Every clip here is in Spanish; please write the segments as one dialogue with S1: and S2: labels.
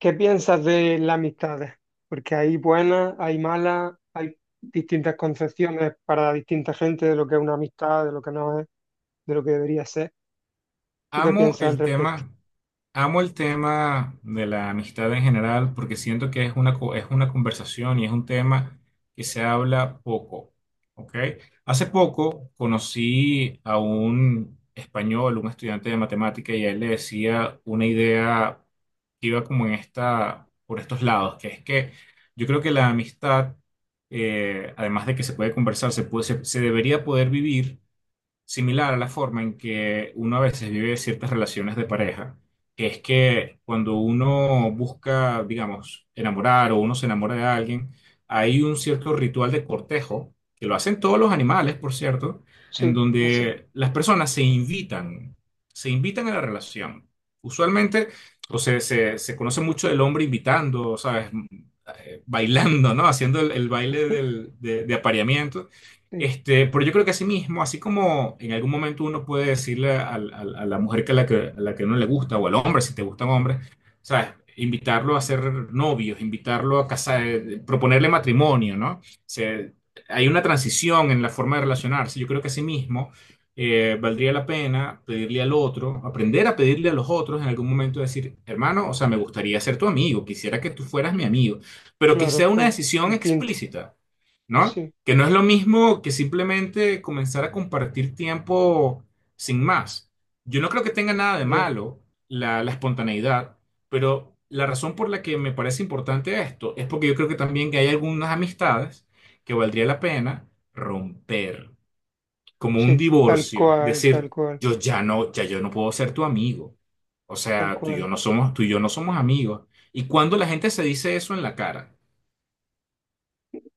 S1: ¿Qué piensas de las amistades? Porque hay buenas, hay malas, hay distintas concepciones para distinta gente de lo que es una amistad, de lo que no es, de lo que debería ser. ¿Tú qué
S2: Amo
S1: piensas al
S2: el
S1: respecto?
S2: tema, amo el tema de la amistad en general porque siento que es una conversación y es un tema que se habla poco, ¿ok? Hace poco conocí a un español, un estudiante de matemática y a él le decía una idea que iba como por estos lados, que es que yo creo que la amistad, además de que se puede conversar, se puede- se se debería poder vivir similar a la forma en que uno a veces vive ciertas relaciones de pareja, que es que cuando uno busca, digamos, enamorar o uno se enamora de alguien, hay un cierto ritual de cortejo, que lo hacen todos los animales, por cierto, en
S1: Sí, así.
S2: donde las personas se invitan a la relación. Usualmente, o sea, se conoce mucho el hombre invitando, ¿sabes? Bailando, ¿no? Haciendo el baile de apareamiento.
S1: Sí,
S2: Este, pero yo creo que así mismo, así como en algún momento uno puede decirle la mujer a la que no le gusta, o al hombre, si te gustan hombres, ¿sabes? Invitarlo a ser novios, invitarlo a casar, proponerle matrimonio, ¿no? O sea, hay una transición en la forma de relacionarse. Yo creo que así mismo valdría la pena pedirle al otro, aprender a pedirle a los otros en algún momento, decir, hermano, o sea, me gustaría ser tu amigo, quisiera que tú fueras mi amigo, pero que sea
S1: claro,
S2: una
S1: es
S2: decisión
S1: distinto.
S2: explícita. ¿No?
S1: Sí,
S2: Que no es lo mismo que simplemente comenzar a compartir tiempo sin más. Yo no creo que tenga nada de
S1: ya.
S2: malo la espontaneidad, pero la razón por la que me parece importante esto es porque yo creo que también que hay algunas amistades que valdría la pena romper, como un
S1: Sí, tal
S2: divorcio,
S1: cual, tal
S2: decir,
S1: cual,
S2: yo ya no, ya yo no puedo ser tu amigo. O
S1: tal
S2: sea,
S1: cual.
S2: tú y yo no somos amigos. ¿Y cuando la gente se dice eso en la cara?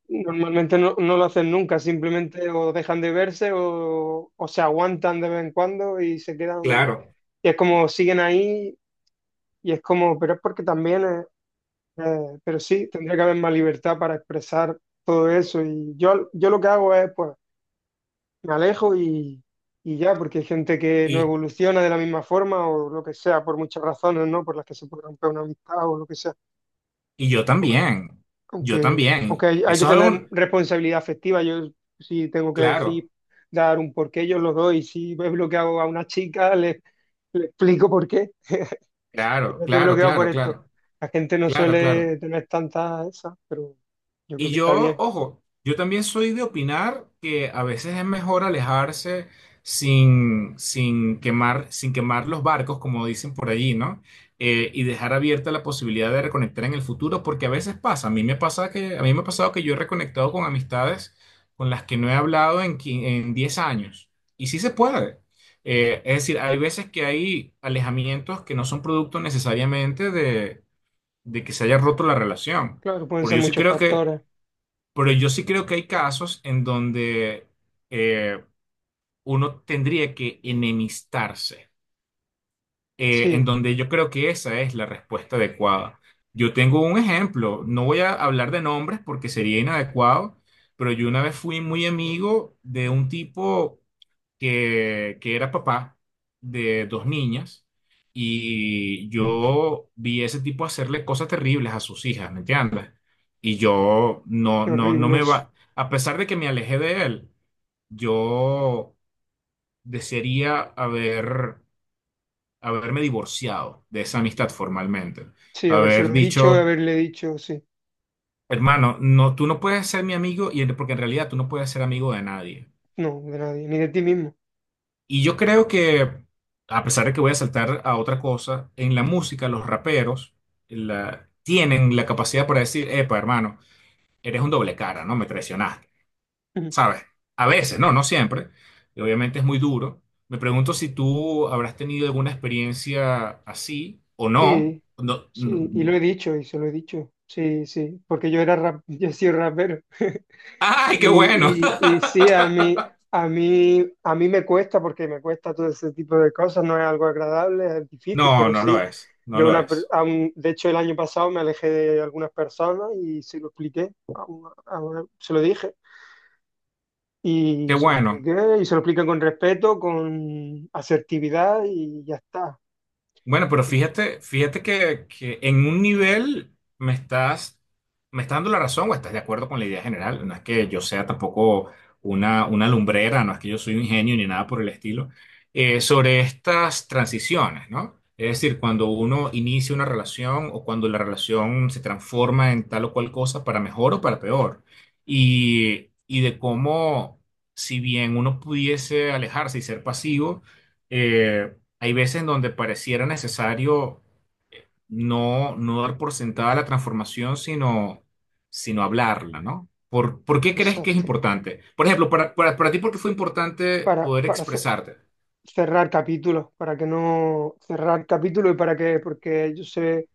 S1: Normalmente no, no lo hacen nunca, simplemente o dejan de verse o se aguantan de vez en cuando y se quedan.
S2: Claro.
S1: Y es como siguen ahí y es como, pero es porque también es. Pero sí, tendría que haber más libertad para expresar todo eso. Yo lo que hago es, pues, me alejo y ya, porque hay gente que no
S2: Y
S1: evoluciona de la misma forma o lo que sea, por muchas razones, ¿no? Por las que se puede romper una amistad o lo que sea.
S2: Y yo
S1: Aunque,
S2: también, yo
S1: aunque
S2: también.
S1: hay, hay que
S2: Eso es
S1: tener
S2: algo,
S1: responsabilidad afectiva, yo sí tengo que decir,
S2: claro,
S1: dar un porqué, yo lo doy. Si ves lo que hago a una chica, le explico por qué.
S2: claro,
S1: Te
S2: claro,
S1: bloqueado por
S2: claro,
S1: esto.
S2: claro,
S1: La gente no
S2: claro,
S1: suele
S2: claro.
S1: tener tantas esas, pero yo creo
S2: Y
S1: que está
S2: yo,
S1: bien.
S2: ojo, yo también soy de opinar que a veces es mejor alejarse sin quemar, sin quemar los barcos, como dicen por allí, ¿no? Y dejar abierta la posibilidad de reconectar en el futuro, porque a veces pasa. A mí me ha pasado que yo he reconectado con amistades con las que no he hablado en 10 años. Y sí se puede. Es decir, hay veces que hay alejamientos que no son producto necesariamente de que se haya roto la relación.
S1: Claro, pueden
S2: Pero
S1: ser
S2: yo sí
S1: muchos
S2: creo que
S1: factores.
S2: pero yo sí creo que hay casos en donde eh, uno tendría que enemistarse, en
S1: Sí,
S2: donde yo creo que esa es la respuesta adecuada. Yo tengo un ejemplo, no voy a hablar de nombres porque sería inadecuado, pero yo una vez fui muy amigo de un tipo que era papá de dos niñas y yo vi ese tipo hacerle cosas terribles a sus hijas, ¿me entiendes? Y yo no,
S1: qué
S2: no, no
S1: horrible
S2: me
S1: eso.
S2: va, a pesar de que me alejé de él, yo desearía haberme divorciado de esa amistad formalmente,
S1: Sí,
S2: haber
S1: habérselo dicho,
S2: dicho,
S1: haberle dicho, sí.
S2: hermano, no, tú no puedes ser mi amigo y porque en realidad tú no puedes ser amigo de nadie.
S1: No, de nadie, ni de ti mismo.
S2: Y yo creo que, a pesar de que voy a saltar a otra cosa, en la música los raperos tienen la capacidad para decir, epa, hermano, eres un doble cara, ¿no? Me traicionaste,
S1: Ujú.
S2: ¿sabes? A veces, no, no siempre. Y obviamente es muy duro. Me pregunto si tú habrás tenido alguna experiencia así o no.
S1: Sí,
S2: No, no.
S1: sí, y lo
S2: No.
S1: he dicho, y se lo he dicho. Sí, sí, porque yo era rap, yo he sido rapero.
S2: ¡Ay, qué bueno!
S1: Y sí, a mí, a mí, a mí me cuesta porque me cuesta todo ese tipo de cosas, no es algo agradable, es difícil,
S2: No,
S1: pero
S2: no lo
S1: sí,
S2: es, no
S1: yo
S2: lo
S1: una,
S2: es.
S1: a de hecho el año pasado me alejé de algunas personas y se lo expliqué, a a se lo dije
S2: Qué
S1: y se lo
S2: bueno.
S1: expliqué y se lo expliqué con respeto, con asertividad y ya está.
S2: Bueno, pero fíjate, fíjate que en un nivel me estás, me estás dando la razón o estás de acuerdo con la idea general. No es que yo sea tampoco una lumbrera, no es que yo soy un genio ni nada por el estilo, sobre estas transiciones, ¿no? Es decir, cuando uno inicia una relación o cuando la relación se transforma en tal o cual cosa para mejor o para peor. Y de cómo, si bien uno pudiese alejarse y ser pasivo, eh, hay veces en donde pareciera necesario no dar por sentada la transformación, sino hablarla, ¿no? ¿Por qué crees que es
S1: Exacto.
S2: importante? Por ejemplo, para ti, ¿por qué fue importante poder
S1: Para
S2: expresarte?
S1: cerrar capítulos, para que no cerrar capítulos y para que, porque yo sé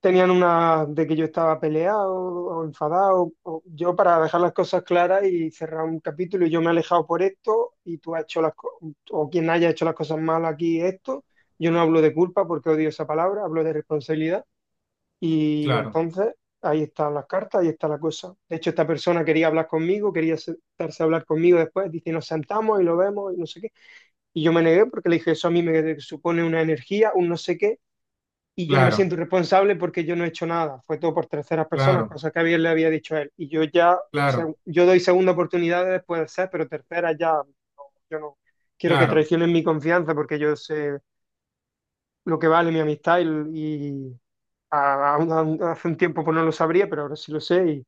S1: tenían una de que yo estaba peleado o enfadado. Yo para dejar las cosas claras y cerrar un capítulo y yo me he alejado por esto y tú has hecho las o quien haya hecho las cosas mal aquí esto. Yo no hablo de culpa porque odio esa palabra, hablo de responsabilidad. Y
S2: Claro,
S1: entonces ahí están las cartas, ahí está la cosa. De hecho, esta persona quería hablar conmigo, quería sentarse a hablar conmigo después. Dice, nos sentamos y lo vemos y no sé qué. Y yo me negué porque le dije, eso a mí me supone una energía, un no sé qué y yo no me
S2: claro,
S1: siento responsable porque yo no he hecho nada, fue todo por terceras personas,
S2: claro,
S1: cosa que bien le había dicho a él. Y yo ya, o sea,
S2: claro,
S1: yo doy segunda oportunidad después de ser, pero tercera ya, no, yo no quiero que
S2: claro,
S1: traicionen mi confianza porque yo sé lo que vale mi amistad y hace un tiempo pues no lo sabría, pero ahora sí lo sé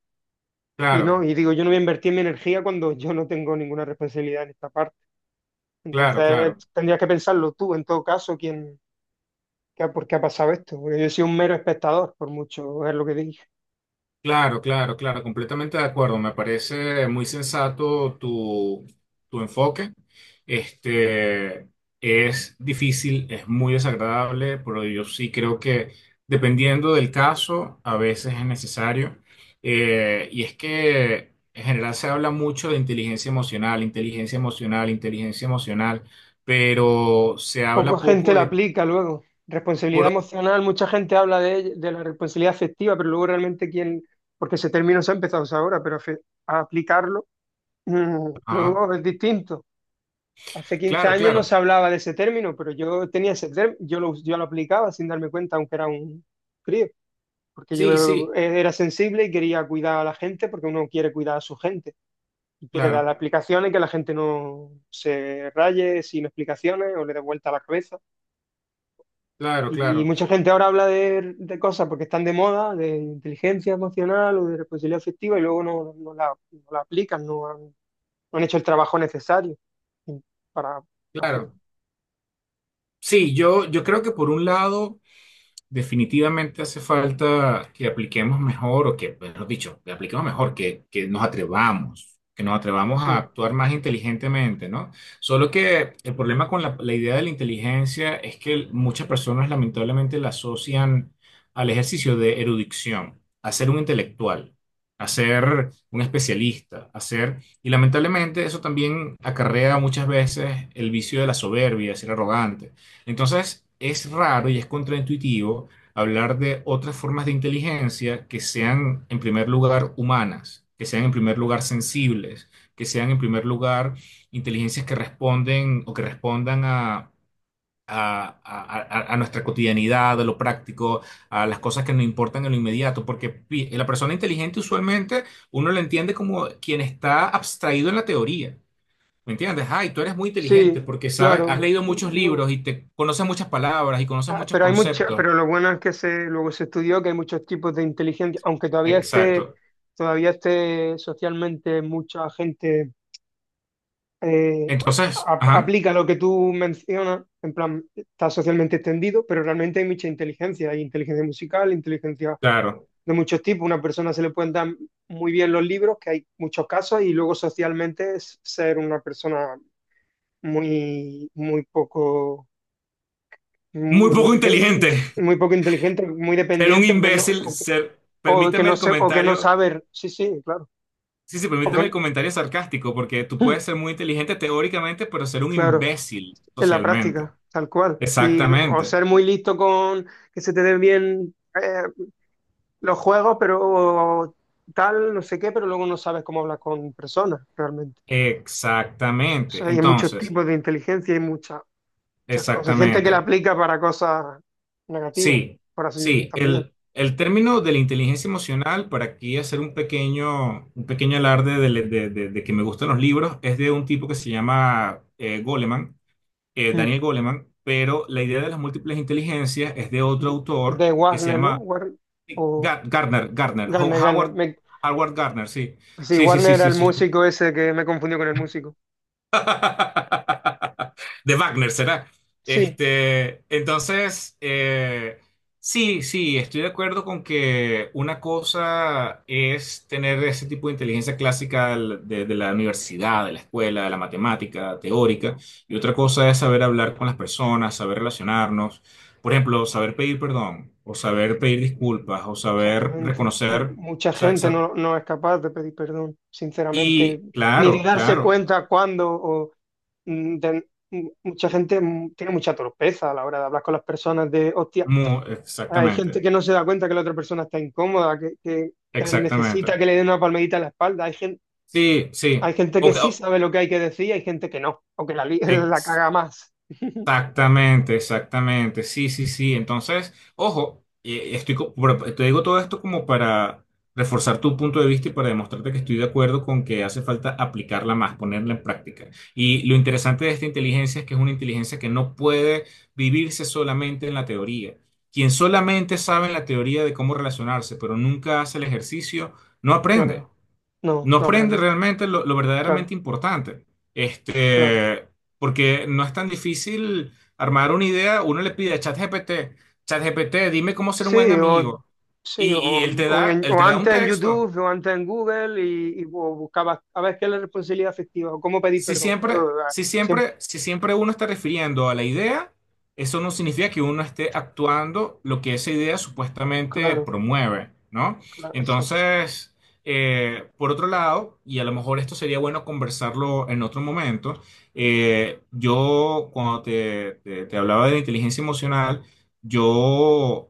S1: y no,
S2: claro,
S1: y digo, yo no voy a invertir mi energía cuando yo no tengo ninguna responsabilidad en esta parte.
S2: claro, claro,
S1: Entonces
S2: claro.
S1: tendrías que pensarlo tú, en todo caso, quién, por qué ha pasado esto, porque yo soy un mero espectador, por mucho es lo que digo.
S2: Claro, claro, claro, completamente de acuerdo. Me parece muy sensato tu enfoque. Este es difícil, es muy desagradable, pero yo sí creo que dependiendo del caso, a veces es necesario. Y es que en general se habla mucho de inteligencia emocional, inteligencia emocional, inteligencia emocional, pero se
S1: Poca
S2: habla
S1: gente
S2: poco
S1: la
S2: de
S1: aplica luego. Responsabilidad
S2: pro.
S1: emocional, mucha gente habla de, de la responsabilidad afectiva, pero luego realmente quién, porque ese término se ha empezado a usar ahora, pero a aplicarlo
S2: Ajá.
S1: luego es distinto. Hace quince
S2: Claro,
S1: años no se
S2: claro.
S1: hablaba de ese término, pero yo tenía ese término, yo lo aplicaba sin darme cuenta, aunque era un crío, porque
S2: Sí,
S1: yo
S2: sí,
S1: era sensible y quería cuidar a la gente, porque uno quiere cuidar a su gente y quiere dar
S2: claro,
S1: aplicaciones que la gente no se raye sin explicaciones o le dé vuelta a la cabeza.
S2: claro,
S1: Y
S2: claro,
S1: mucha gente ahora habla de cosas porque están de moda, de inteligencia emocional o de responsabilidad afectiva, y luego no, no la, no la aplican, no han, no han hecho el trabajo necesario para hacer.
S2: claro. Sí, yo creo que por un lado, definitivamente hace falta que apliquemos mejor, o que, mejor dicho, que apliquemos mejor, que nos atrevamos a
S1: Sí,
S2: actuar más inteligentemente, ¿no? Solo que el problema con la idea de la inteligencia es que muchas personas lamentablemente la asocian al ejercicio de erudición, a ser un intelectual, a ser un especialista, a ser... Y lamentablemente eso también acarrea muchas veces el vicio de la soberbia, de ser arrogante. Entonces, es raro y es contraintuitivo hablar de otras formas de inteligencia que sean, en primer lugar, humanas, que sean, en primer lugar, sensibles, que sean, en primer lugar, inteligencias que responden o que respondan a nuestra cotidianidad, a lo práctico, a las cosas que nos importan en lo inmediato, porque la persona inteligente usualmente uno la entiende como quien está abstraído en la teoría. ¿Me entiendes? Ay, tú eres muy inteligente
S1: sí,
S2: porque sabes, has
S1: claro.
S2: leído
S1: Y
S2: muchos
S1: no.
S2: libros y te conoces muchas palabras y conoces
S1: Ah,
S2: muchos
S1: pero hay mucha
S2: conceptos.
S1: pero lo bueno es que se, luego se estudió que hay muchos tipos de inteligencia, aunque
S2: Exacto.
S1: todavía esté socialmente mucha gente eh,
S2: Entonces, ajá,
S1: aplica lo que tú mencionas, en plan, está socialmente extendido, pero realmente hay mucha inteligencia, hay inteligencia musical, inteligencia
S2: claro.
S1: de muchos tipos. Una persona se le pueden dar muy bien los libros, que hay muchos casos, y luego socialmente es ser una persona muy, muy poco...
S2: Muy poco inteligente.
S1: muy poco inteligente, muy
S2: Ser un
S1: dependiente,
S2: imbécil, ser,
S1: o que
S2: permíteme
S1: no
S2: el
S1: sé, o que no
S2: comentario,
S1: saber, sí, sí, claro,
S2: sí, sí,
S1: o
S2: permíteme el
S1: que,
S2: comentario sarcástico, porque tú puedes ser muy inteligente teóricamente, pero ser un
S1: claro.
S2: imbécil
S1: En la
S2: socialmente.
S1: práctica, tal cual. Y o
S2: Exactamente.
S1: ser muy listo con que se te den bien eh, los juegos, pero tal, no sé qué, pero luego no sabes cómo hablar con personas realmente. O
S2: Exactamente.
S1: sea, hay muchos
S2: Entonces,
S1: tipos de inteligencia y muchas, muchas cosas. Hay gente que la
S2: exactamente.
S1: aplica para cosas negativas,
S2: Sí,
S1: por así
S2: sí,
S1: también.
S2: el término de la inteligencia emocional, para aquí hacer un pequeño alarde de, le- de que me gustan los libros, es de un tipo que se llama Goleman,
S1: Mm.
S2: Daniel Goleman, pero la idea de las múltiples inteligencias es de otro autor
S1: ¿De
S2: que se
S1: Warner, no?
S2: llama
S1: O
S2: Ga- Gardner, Gardner, Ho-
S1: Garner, Garner.
S2: Howard, Howard Gardner, sí,
S1: Sí,
S2: sí, sí,
S1: Warner
S2: sí,
S1: era
S2: sí,
S1: el
S2: sí, sí.
S1: músico ese que me confundió con el músico.
S2: De Wagner, ¿será?
S1: Sí.
S2: Este, entonces, sí, sí, estoy de acuerdo con que una cosa es tener ese tipo de inteligencia clásica de la universidad, de la escuela, de la matemática teórica, y otra cosa es saber hablar con las personas, saber relacionarnos, por ejemplo, saber pedir perdón, o saber pedir disculpas, o saber
S1: Exactamente.
S2: reconocer,
S1: Mucha
S2: sa-
S1: gente
S2: sa-
S1: no, no es capaz de pedir perdón, sinceramente,
S2: y
S1: ni de
S2: claro,
S1: darse
S2: claro,
S1: cuenta cuándo. O, mucha gente tiene mucha torpeza a la hora de hablar con las personas de, hostia, hay
S2: exactamente,
S1: gente que no se da cuenta que la otra persona está incómoda, que, que necesita
S2: exactamente.
S1: que le den una palmadita en la espalda.
S2: Sí,
S1: Hay
S2: sí.
S1: gente que
S2: Ok,
S1: sí
S2: oh,
S1: sabe lo que hay que decir, hay gente que no, o que la, la caga más.
S2: exactamente, exactamente. Sí, sí, sí. Entonces, ojo, pero te digo todo esto como para reforzar tu punto de vista y para demostrarte que estoy de acuerdo con que hace falta aplicarla más, ponerla en práctica. Y lo interesante de esta inteligencia es que es una inteligencia que no puede vivirse solamente en la teoría. Quien solamente sabe en la teoría de cómo relacionarse, pero nunca hace el ejercicio, no aprende.
S1: Claro, no,
S2: No
S1: no
S2: prende
S1: aprende.
S2: realmente lo
S1: Claro,
S2: verdaderamente importante.
S1: claro.
S2: Este, porque no es tan difícil armar una idea. Uno le pide a ChatGPT, ChatGPT, dime cómo ser un
S1: Sí,
S2: buen
S1: o,
S2: amigo.
S1: sí,
S2: Y, y
S1: o
S2: él
S1: o
S2: te da un
S1: antes en
S2: texto.
S1: YouTube, o antes en Google, y buscabas a ver qué es la responsabilidad afectiva, o cómo pedir
S2: Si
S1: perdón,
S2: siempre,
S1: claro,
S2: si
S1: siempre,
S2: siempre, si siempre uno está refiriendo a la idea, eso no significa que uno esté actuando lo que esa idea supuestamente
S1: claro,
S2: promueve, ¿no?
S1: claro, exacto.
S2: Entonces, por otro lado, y a lo mejor esto sería bueno conversarlo en otro momento, yo cuando te hablaba de la inteligencia emocional, yo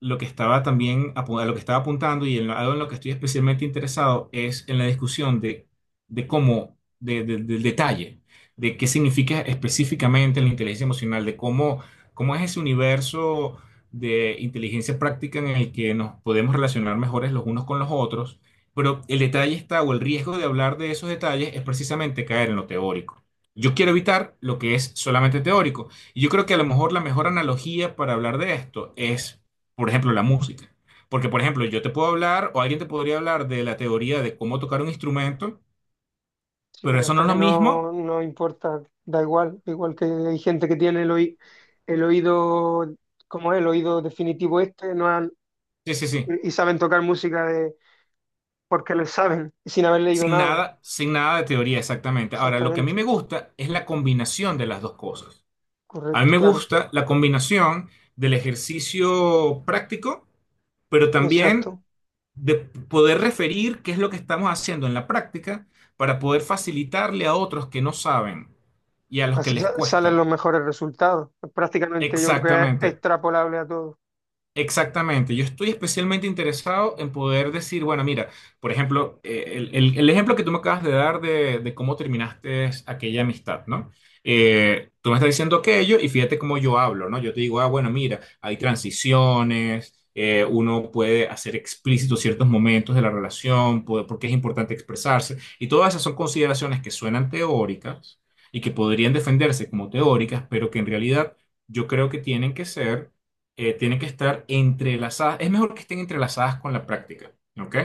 S2: lo que estaba también, a lo que estaba apuntando y algo en lo que estoy especialmente interesado es en la discusión de cómo de- del detalle, de qué significa específicamente la inteligencia emocional, cómo es ese universo de inteligencia práctica en el que nos podemos relacionar mejores los unos con los otros, pero el detalle está, o el riesgo de hablar de esos detalles es precisamente caer en lo teórico. Yo quiero evitar lo que es solamente teórico. Y yo creo que a lo mejor la mejor analogía para hablar de esto es, por ejemplo, la música. Porque, por ejemplo, yo te puedo hablar o alguien te podría hablar de la teoría de cómo tocar un instrumento,
S1: Sí,
S2: pero
S1: pero
S2: eso no
S1: hasta
S2: es
S1: que
S2: lo mismo.
S1: no, no importa, da igual, igual que hay gente que tiene el, el oído, como es, el oído definitivo este, no han-
S2: Sí, sí, sí.
S1: y saben tocar música de, porque les saben, sin haber leído
S2: Sin
S1: nada,
S2: nada, sin nada de teoría, exactamente. Ahora, lo que a mí
S1: exactamente,
S2: me gusta es la combinación de las dos cosas. A mí
S1: correcto,
S2: me
S1: claro,
S2: gusta la combinación del ejercicio práctico, pero también
S1: exacto.
S2: de poder referir qué es lo que estamos haciendo en la práctica para poder facilitarle a otros que no saben y a los que
S1: Así
S2: les
S1: salen
S2: cuesta.
S1: los mejores resultados. Prácticamente yo creo que es
S2: Exactamente.
S1: extrapolable a todo.
S2: Exactamente, yo estoy especialmente interesado en poder decir, bueno, mira, por ejemplo, el ejemplo que tú me acabas de dar de cómo terminaste aquella amistad, ¿no? Tú me estás diciendo aquello y fíjate cómo yo hablo, ¿no? Yo te digo, ah, bueno, mira, hay transiciones, uno puede hacer explícitos ciertos momentos de la relación, porque es importante expresarse, y todas esas son consideraciones que suenan teóricas y que podrían defenderse como teóricas, pero que en realidad yo creo que tienen que estar entrelazadas. Es mejor que estén entrelazadas con la práctica, ¿ok?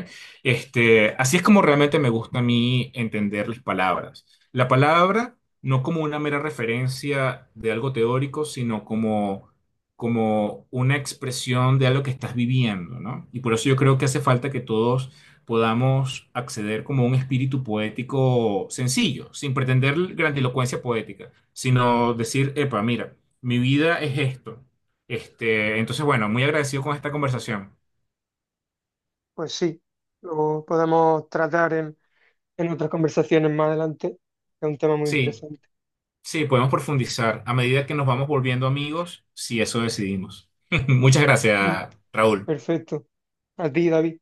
S2: Este, así es como realmente me gusta a mí entender las palabras. La palabra no como una mera referencia de algo teórico, sino como, como una expresión de algo que estás viviendo, ¿no? Y por eso yo creo que hace falta que todos podamos acceder como a un espíritu poético sencillo, sin pretender grandilocuencia poética, sino decir, epa, mira, mi vida es esto. Este, entonces, bueno, muy agradecido con esta conversación.
S1: Pues sí, lo podemos tratar en otras conversaciones más adelante. Es un tema muy
S2: Sí,
S1: interesante.
S2: sí, podemos profundizar a medida que nos vamos volviendo amigos, si eso decidimos. Muchas
S1: Mm.
S2: gracias, Raúl.
S1: Perfecto. A ti, David.